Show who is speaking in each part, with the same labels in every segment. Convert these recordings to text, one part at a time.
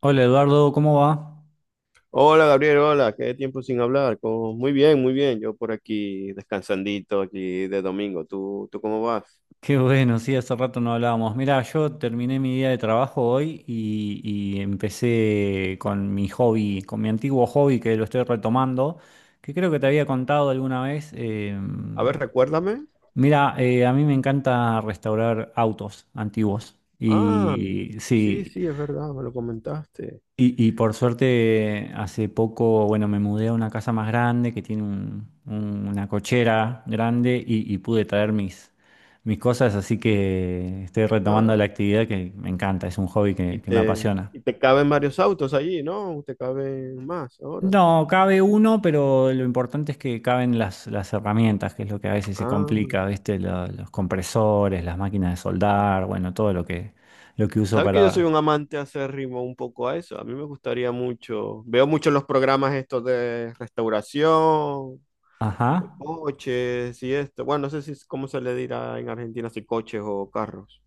Speaker 1: Hola Eduardo, ¿cómo va?
Speaker 2: Hola Gabriel, hola, qué tiempo sin hablar. Muy bien, muy bien. Yo por aquí descansandito aquí de domingo. ¿Tú cómo vas?
Speaker 1: Qué bueno, sí, hace rato no hablábamos. Mira, yo terminé mi día de trabajo hoy y empecé con mi hobby, con mi antiguo hobby que lo estoy retomando, que creo que te había contado alguna vez.
Speaker 2: A ver, recuérdame.
Speaker 1: Mira, a mí me encanta restaurar autos antiguos.
Speaker 2: Ah,
Speaker 1: Y
Speaker 2: sí,
Speaker 1: sí,
Speaker 2: sí, es verdad, me lo comentaste.
Speaker 1: Y por suerte, hace poco, bueno, me mudé a una casa más grande que tiene una cochera grande y pude traer mis cosas, así que estoy retomando
Speaker 2: Ah,
Speaker 1: la actividad que me encanta, es un hobby
Speaker 2: y
Speaker 1: que me
Speaker 2: te,
Speaker 1: apasiona.
Speaker 2: y te caben varios autos allí, ¿no? Te caben más ahora.
Speaker 1: No, cabe uno, pero lo importante es que caben las herramientas, que es lo que a veces se
Speaker 2: Ah,
Speaker 1: complica, ¿viste? Los compresores, las máquinas de soldar, bueno, todo lo que uso
Speaker 2: sabes que yo soy
Speaker 1: para...
Speaker 2: un amante acérrimo un poco a eso. A mí me gustaría mucho. Veo mucho los programas estos de restauración
Speaker 1: Ajá.
Speaker 2: de coches y esto. Bueno, no sé si cómo se le dirá en Argentina, si coches o carros.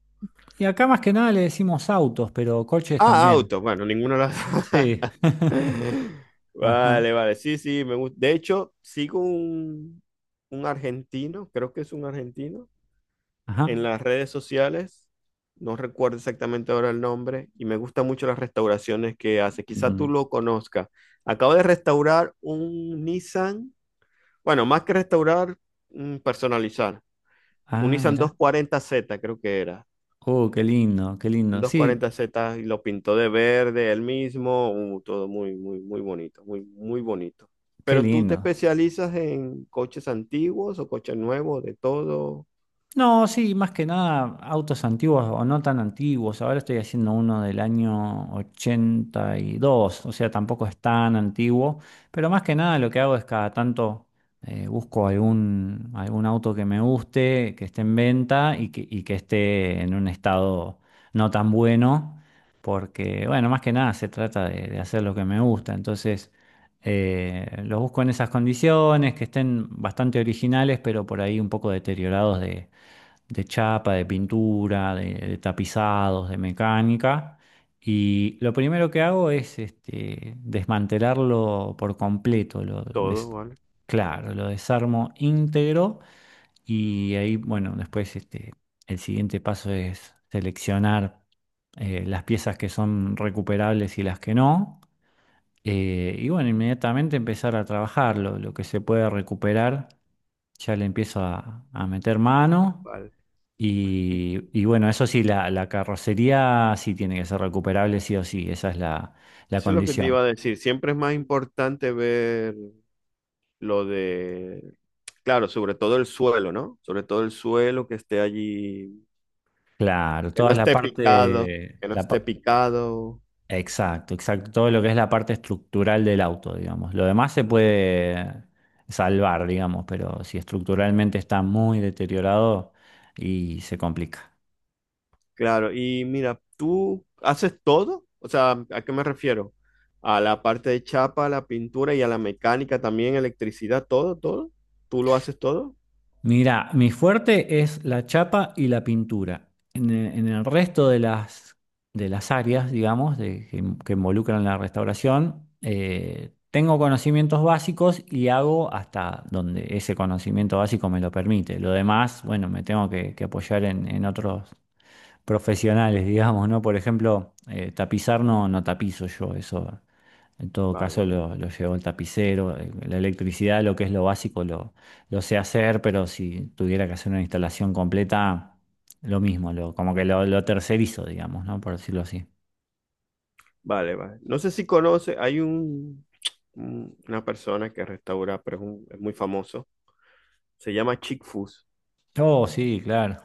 Speaker 1: Y acá más que nada le decimos autos, pero coches
Speaker 2: Ah,
Speaker 1: también.
Speaker 2: autos. Bueno, ninguna de las.
Speaker 1: Sí. Ajá,
Speaker 2: Vale, vale. Sí, sí, me gusta. De hecho, sigo un argentino, creo que es un argentino, en
Speaker 1: ajá.
Speaker 2: las redes sociales. No recuerdo exactamente ahora el nombre y me gustan mucho las restauraciones que hace. Quizá tú
Speaker 1: Mm,
Speaker 2: lo conozcas. Acabo de restaurar un Nissan. Bueno, más que restaurar, personalizar. Un
Speaker 1: ah,
Speaker 2: Nissan
Speaker 1: mira.
Speaker 2: 240Z, creo que era.
Speaker 1: Oh, qué lindo, qué
Speaker 2: Un
Speaker 1: lindo.
Speaker 2: doscientos
Speaker 1: Sí,
Speaker 2: cuarenta z y lo pintó de verde él mismo, todo muy, muy, muy bonito, muy, muy bonito.
Speaker 1: qué
Speaker 2: Pero tú te
Speaker 1: lindo.
Speaker 2: especializas en coches antiguos o coches nuevos, de todo.
Speaker 1: No, sí, más que nada autos antiguos o no tan antiguos. Ahora estoy haciendo uno del año 82, o sea, tampoco es tan antiguo, pero más que nada lo que hago es cada tanto busco algún auto que me guste, que esté en venta y que esté en un estado no tan bueno, porque, bueno, más que nada se trata de hacer lo que me gusta. Entonces, los busco en esas condiciones, que estén bastante originales, pero por ahí un poco deteriorados de chapa, de pintura, de tapizados, de mecánica. Y lo primero que hago es este, desmantelarlo por completo.
Speaker 2: Todo, vale.
Speaker 1: Claro, lo desarmo íntegro y ahí, bueno, después este, el siguiente paso es seleccionar las piezas que son recuperables y las que no. Y bueno, inmediatamente empezar a trabajarlo, lo que se puede recuperar ya le empiezo a meter mano
Speaker 2: Vale. Y
Speaker 1: y bueno, eso sí, la carrocería sí tiene que ser recuperable, sí o sí, esa es la
Speaker 2: eso es lo que te
Speaker 1: condición.
Speaker 2: iba a decir. Siempre es más importante ver lo de, claro, sobre todo el suelo, ¿no? Sobre todo el suelo, que esté allí,
Speaker 1: Claro,
Speaker 2: que
Speaker 1: toda
Speaker 2: no
Speaker 1: la
Speaker 2: esté picado,
Speaker 1: parte,
Speaker 2: que no
Speaker 1: la,
Speaker 2: esté picado.
Speaker 1: exacto, exacto, todo lo que es la parte estructural del auto, digamos. Lo demás se puede salvar, digamos, pero si estructuralmente está muy deteriorado y se complica.
Speaker 2: Claro, y mira, ¿tú haces todo? O sea, ¿a qué me refiero? A la parte de chapa, a la pintura y a la mecánica también, electricidad, todo, todo. ¿Tú lo haces todo?
Speaker 1: Mira, mi fuerte es la chapa y la pintura. En el resto de de las áreas, digamos, que involucran la restauración, tengo conocimientos básicos y hago hasta donde ese conocimiento básico me lo permite. Lo demás, bueno, me tengo que apoyar en otros profesionales, digamos, ¿no? Por ejemplo, tapizar no, no tapizo yo, eso en todo caso
Speaker 2: Vale,
Speaker 1: lo llevo el tapicero, la electricidad, lo que es lo básico, lo sé hacer, pero si tuviera que hacer una instalación completa, lo mismo, lo, como que lo tercerizo, digamos, ¿no? Por decirlo así.
Speaker 2: vale, vale. No sé si conoces, hay un, una persona que restaura, pero es muy famoso. Se llama Chick Foos.
Speaker 1: Oh, sí, claro.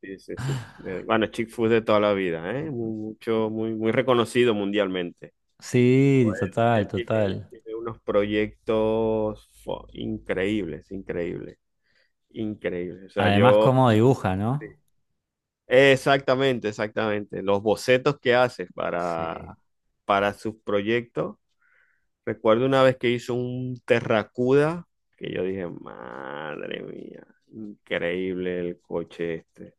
Speaker 2: Sí, sí, sí. Bueno, Chick Foos de toda la vida, ¿eh? Mucho, muy, muy reconocido mundialmente.
Speaker 1: Sí,
Speaker 2: Joder, Él,
Speaker 1: total,
Speaker 2: él tiene,
Speaker 1: total.
Speaker 2: tiene unos proyectos increíbles, increíbles. Increíble. O sea,
Speaker 1: Además,
Speaker 2: yo,
Speaker 1: cómo dibuja,
Speaker 2: sí.
Speaker 1: ¿no?
Speaker 2: Exactamente, exactamente. Los bocetos que haces
Speaker 1: Sí.
Speaker 2: para, sus proyectos. Recuerdo una vez que hizo un Terracuda, que yo dije, madre mía, increíble el coche este.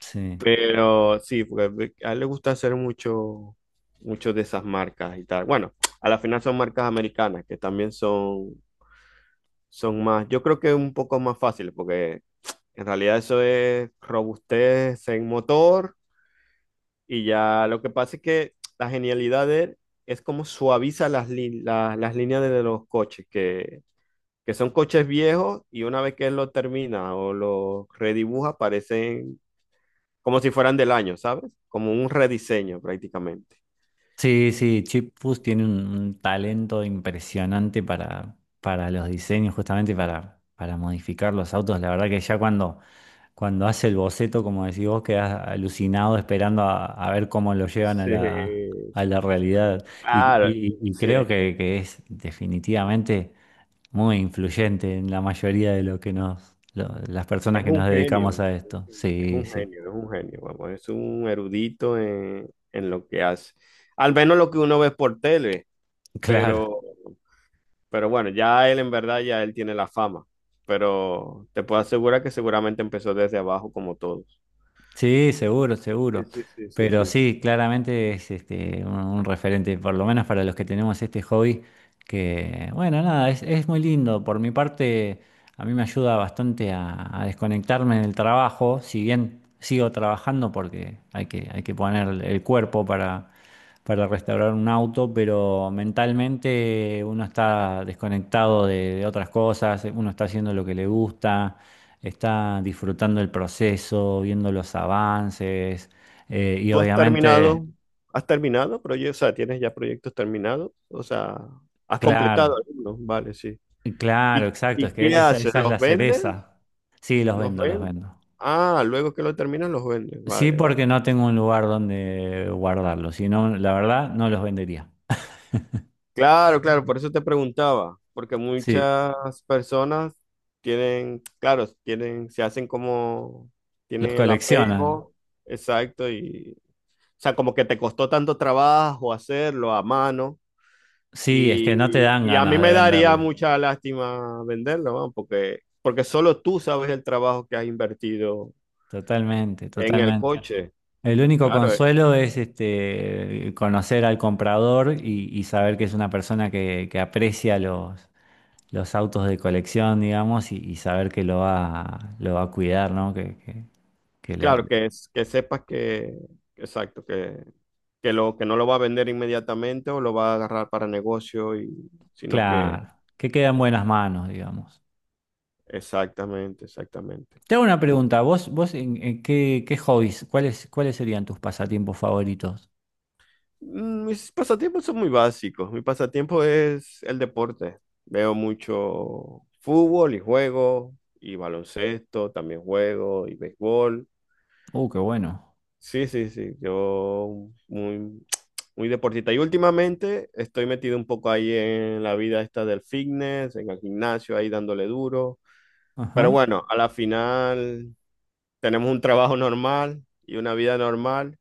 Speaker 1: Sí.
Speaker 2: Pero sí, porque a él le gusta hacer mucho, mucho de esas marcas y tal. Bueno, a la final son marcas americanas que también son más, yo creo que un poco más fáciles, porque en realidad eso es robustez en motor, y ya lo que pasa es que la genialidad de él es como suaviza las, las líneas de los coches, que son coches viejos, y una vez que él lo termina o lo redibuja parecen como si fueran del año, ¿sabes? Como un rediseño prácticamente.
Speaker 1: Sí, sí, Chip Foose tiene un talento impresionante para los diseños, justamente para modificar los autos. La verdad que ya cuando hace el boceto, como decís vos, quedás alucinado esperando a ver cómo lo llevan a
Speaker 2: Sí,
Speaker 1: a
Speaker 2: sí.
Speaker 1: la realidad.
Speaker 2: Claro,
Speaker 1: Y creo
Speaker 2: sí.
Speaker 1: que es definitivamente muy influyente en la mayoría de lo que nos, las personas
Speaker 2: Es
Speaker 1: que
Speaker 2: un
Speaker 1: nos
Speaker 2: genio,
Speaker 1: dedicamos a esto.
Speaker 2: es
Speaker 1: Sí,
Speaker 2: un
Speaker 1: sí,
Speaker 2: genio, es un genio, es un genio, vamos, es un erudito en, lo que hace. Al menos lo que uno ve por tele,
Speaker 1: claro.
Speaker 2: pero, pero bueno, ya él en verdad, ya él tiene la fama, pero te puedo asegurar que seguramente empezó desde abajo como todos.
Speaker 1: Sí, seguro,
Speaker 2: Sí,
Speaker 1: seguro.
Speaker 2: sí, sí, sí,
Speaker 1: Pero
Speaker 2: sí, sí.
Speaker 1: sí, claramente es este, un referente, por lo menos para los que tenemos este hobby, que bueno, nada, es muy lindo. Por mi parte, a mí me ayuda bastante a desconectarme en el trabajo, si bien sigo trabajando porque hay hay que poner el cuerpo para restaurar un auto, pero mentalmente uno está desconectado de otras cosas, uno está haciendo lo que le gusta, está disfrutando el proceso, viendo los avances, y
Speaker 2: ¿Tú has
Speaker 1: obviamente,
Speaker 2: terminado, has terminado proyectos? O sea, ¿tienes ya proyectos terminados? O sea, has
Speaker 1: claro,
Speaker 2: completado algunos, vale, sí.
Speaker 1: claro,
Speaker 2: ¿Y,
Speaker 1: exacto, es
Speaker 2: y qué
Speaker 1: que
Speaker 2: haces?
Speaker 1: esa es la
Speaker 2: ¿Los vendes?
Speaker 1: cereza. Sí, los
Speaker 2: ¿Los
Speaker 1: vendo, los
Speaker 2: ven?
Speaker 1: vendo.
Speaker 2: Ah, luego que lo terminan los venden.
Speaker 1: Sí,
Speaker 2: Vale, vale.
Speaker 1: porque no tengo un lugar donde guardarlos, si no, la verdad, no los vendería.
Speaker 2: Claro, claro, por eso te preguntaba, porque
Speaker 1: Sí,
Speaker 2: muchas personas tienen, claro, tienen, se hacen como,
Speaker 1: los
Speaker 2: tienen el
Speaker 1: coleccionan.
Speaker 2: apego, exacto, y, o sea, como que te costó tanto trabajo hacerlo a mano,
Speaker 1: Sí, es
Speaker 2: y,
Speaker 1: que no te dan
Speaker 2: y a mí
Speaker 1: ganas de
Speaker 2: me daría
Speaker 1: venderlo.
Speaker 2: mucha lástima venderlo, ¿no? porque solo tú sabes el trabajo que has invertido
Speaker 1: Totalmente,
Speaker 2: en el
Speaker 1: totalmente.
Speaker 2: coche.
Speaker 1: El único
Speaker 2: Claro,
Speaker 1: consuelo es este, conocer al comprador y saber que es una persona que aprecia los autos de colección, digamos, y saber que lo va a cuidar, ¿no? Que, que lo-
Speaker 2: claro, que, que sepas que, exacto, que no lo va a vender inmediatamente o lo va a agarrar para negocio, y, sino que,
Speaker 1: claro, que queda en buenas manos, digamos.
Speaker 2: exactamente, exactamente.
Speaker 1: Te hago una pregunta, vos, vos en qué, qué hobbies, ¿cuáles, cuáles serían tus pasatiempos favoritos?
Speaker 2: Mis pasatiempos son muy básicos. Mi pasatiempo es el deporte. Veo mucho fútbol y juego, y baloncesto, también juego, y béisbol.
Speaker 1: Qué bueno.
Speaker 2: Sí, sí, sí, yo muy, muy deportista. Y últimamente estoy metido un poco ahí en la vida esta del fitness, en el gimnasio, ahí dándole duro. Pero
Speaker 1: Ajá.
Speaker 2: bueno, a la final tenemos un trabajo normal y una vida normal,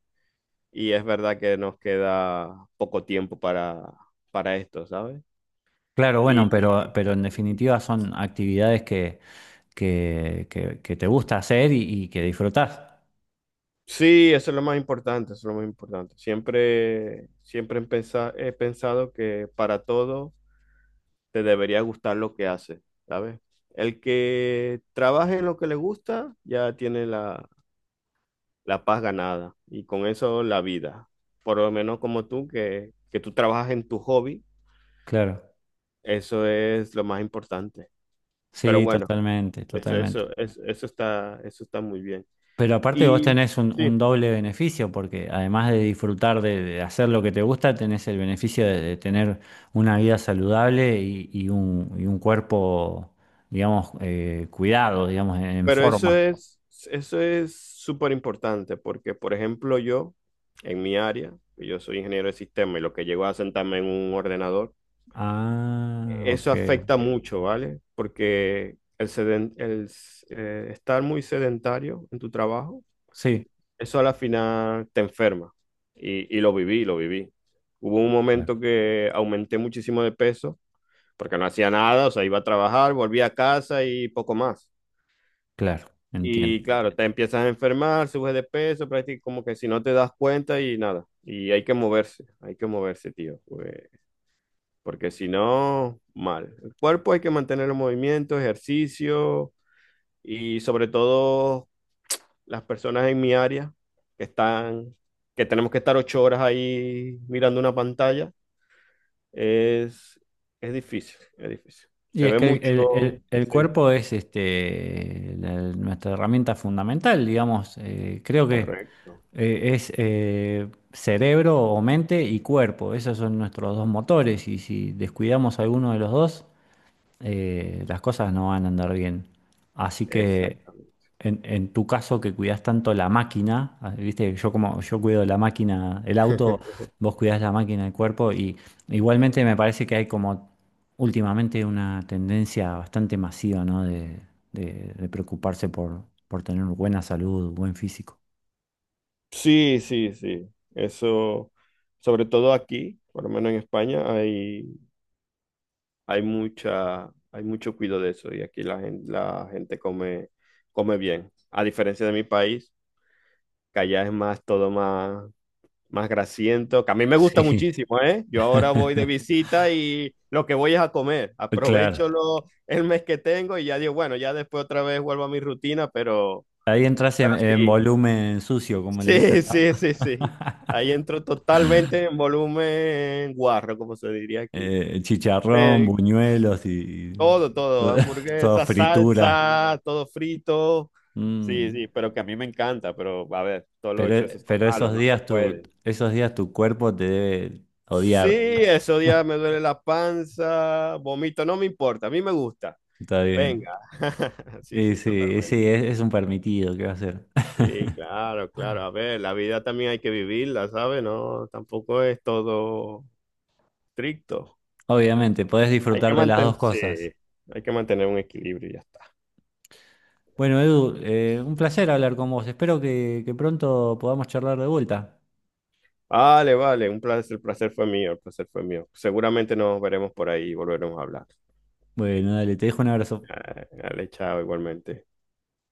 Speaker 2: y es verdad que nos queda poco tiempo para, esto, ¿sabes?
Speaker 1: Claro,
Speaker 2: Y
Speaker 1: bueno, pero en definitiva son actividades que que te gusta hacer y que disfrutás.
Speaker 2: sí, eso es lo más importante, eso es lo más importante. siempre he pensado que para todo te debería gustar lo que hace, ¿sabes? El que trabaje en lo que le gusta ya tiene la, paz ganada, y con eso la vida. Por lo menos como tú, que tú trabajas en tu hobby,
Speaker 1: Claro,
Speaker 2: eso es lo más importante. Pero
Speaker 1: sí,
Speaker 2: bueno,
Speaker 1: totalmente, totalmente.
Speaker 2: eso está muy bien.
Speaker 1: Pero aparte vos
Speaker 2: Y
Speaker 1: tenés
Speaker 2: sí,
Speaker 1: un doble beneficio, porque además de disfrutar de hacer lo que te gusta, tenés el beneficio de tener una vida saludable y un cuerpo, digamos, cuidado, digamos, en
Speaker 2: pero eso
Speaker 1: forma.
Speaker 2: es, eso es súper importante, porque, por ejemplo, yo, en mi área, yo soy ingeniero de sistema y lo que llego a sentarme en un ordenador.
Speaker 1: Ah,
Speaker 2: Eso
Speaker 1: ok.
Speaker 2: afecta mucho, ¿vale? Porque el, seden- el s- estar muy sedentario en tu trabajo,
Speaker 1: Sí,
Speaker 2: eso a la final te enferma. Y lo viví, lo viví. Hubo un
Speaker 1: claro,
Speaker 2: momento que aumenté muchísimo de peso porque no hacía nada, o sea, iba a trabajar, volvía a casa y poco más.
Speaker 1: claro, entiendo.
Speaker 2: Y claro, te empiezas a enfermar, subes de peso, prácticamente como que si no te das cuenta, y nada. Y hay que moverse, tío. Porque si no, mal. El cuerpo hay que mantener el movimiento, ejercicio, y sobre todo las personas en mi área que están, que tenemos que estar 8 horas ahí mirando una pantalla, es, es difícil, es difícil.
Speaker 1: Y
Speaker 2: Se
Speaker 1: es
Speaker 2: ve
Speaker 1: que
Speaker 2: mucho,
Speaker 1: el
Speaker 2: sí,
Speaker 1: cuerpo es este, la- nuestra herramienta fundamental, digamos. Creo que
Speaker 2: correcto,
Speaker 1: es cerebro o mente y cuerpo. Esos son nuestros dos motores y si descuidamos alguno de los dos, las cosas no van a andar bien. Así que
Speaker 2: exactamente.
Speaker 1: en tu caso que cuidas tanto la máquina, ah, viste, yo como yo cuido la máquina, el auto, vos cuidás la máquina, el cuerpo, y igualmente me parece que hay como últimamente una tendencia bastante masiva, ¿no? De, de preocuparse por tener buena salud, buen físico.
Speaker 2: Sí, sí, sí, eso, sobre todo aquí, por lo menos en España, hay mucha, hay mucho cuidado de eso, y aquí la gente come, come bien. A diferencia de mi país, que allá es más, todo más, más grasiento, que a mí me gusta
Speaker 1: Sí,
Speaker 2: muchísimo, ¿eh? Yo ahora voy de visita y lo que voy es a comer.
Speaker 1: claro.
Speaker 2: Aprovecho el mes que tengo y ya digo, bueno, ya después otra vez vuelvo a mi rutina, pero,
Speaker 1: Ahí entras
Speaker 2: pero
Speaker 1: en
Speaker 2: sí,
Speaker 1: volumen sucio, como le
Speaker 2: sí,
Speaker 1: dicen, ¿no?
Speaker 2: sí, sí, sí. Ahí entro totalmente en volumen guarro, como se diría aquí.
Speaker 1: Chicharrón,
Speaker 2: Pero,
Speaker 1: buñuelos y
Speaker 2: Todo, todo,
Speaker 1: to- todo,
Speaker 2: hamburguesa,
Speaker 1: fritura.
Speaker 2: salsa, todo frito. Sí,
Speaker 1: Mm,
Speaker 2: sí, pero que a mí me encanta, pero a ver, todos los excesos son
Speaker 1: pero
Speaker 2: malos, no se puede.
Speaker 1: esos días tu cuerpo te debe
Speaker 2: Sí,
Speaker 1: odiar.
Speaker 2: esos días me duele la panza, vomito, no me importa, a mí me gusta.
Speaker 1: Está bien.
Speaker 2: Venga. Sí, sí,
Speaker 1: Y
Speaker 2: totalmente.
Speaker 1: sí, es un permitido, ¿qué va a ser?
Speaker 2: Sí, claro, claro. A ver, la vida también hay que vivirla, ¿sabes? No, tampoco es todo estricto.
Speaker 1: Obviamente, podés
Speaker 2: Hay que
Speaker 1: disfrutar de las dos
Speaker 2: mantener, sí,
Speaker 1: cosas.
Speaker 2: hay que mantener un equilibrio y ya está.
Speaker 1: Bueno, Edu, un placer hablar con vos. Espero que pronto podamos charlar de vuelta.
Speaker 2: Vale, vale, un placer, el placer fue mío, el placer fue mío. Seguramente nos veremos por ahí y volveremos a hablar.
Speaker 1: Bueno, dale, te dejo un abrazo.
Speaker 2: Ah, dale, chao, igualmente.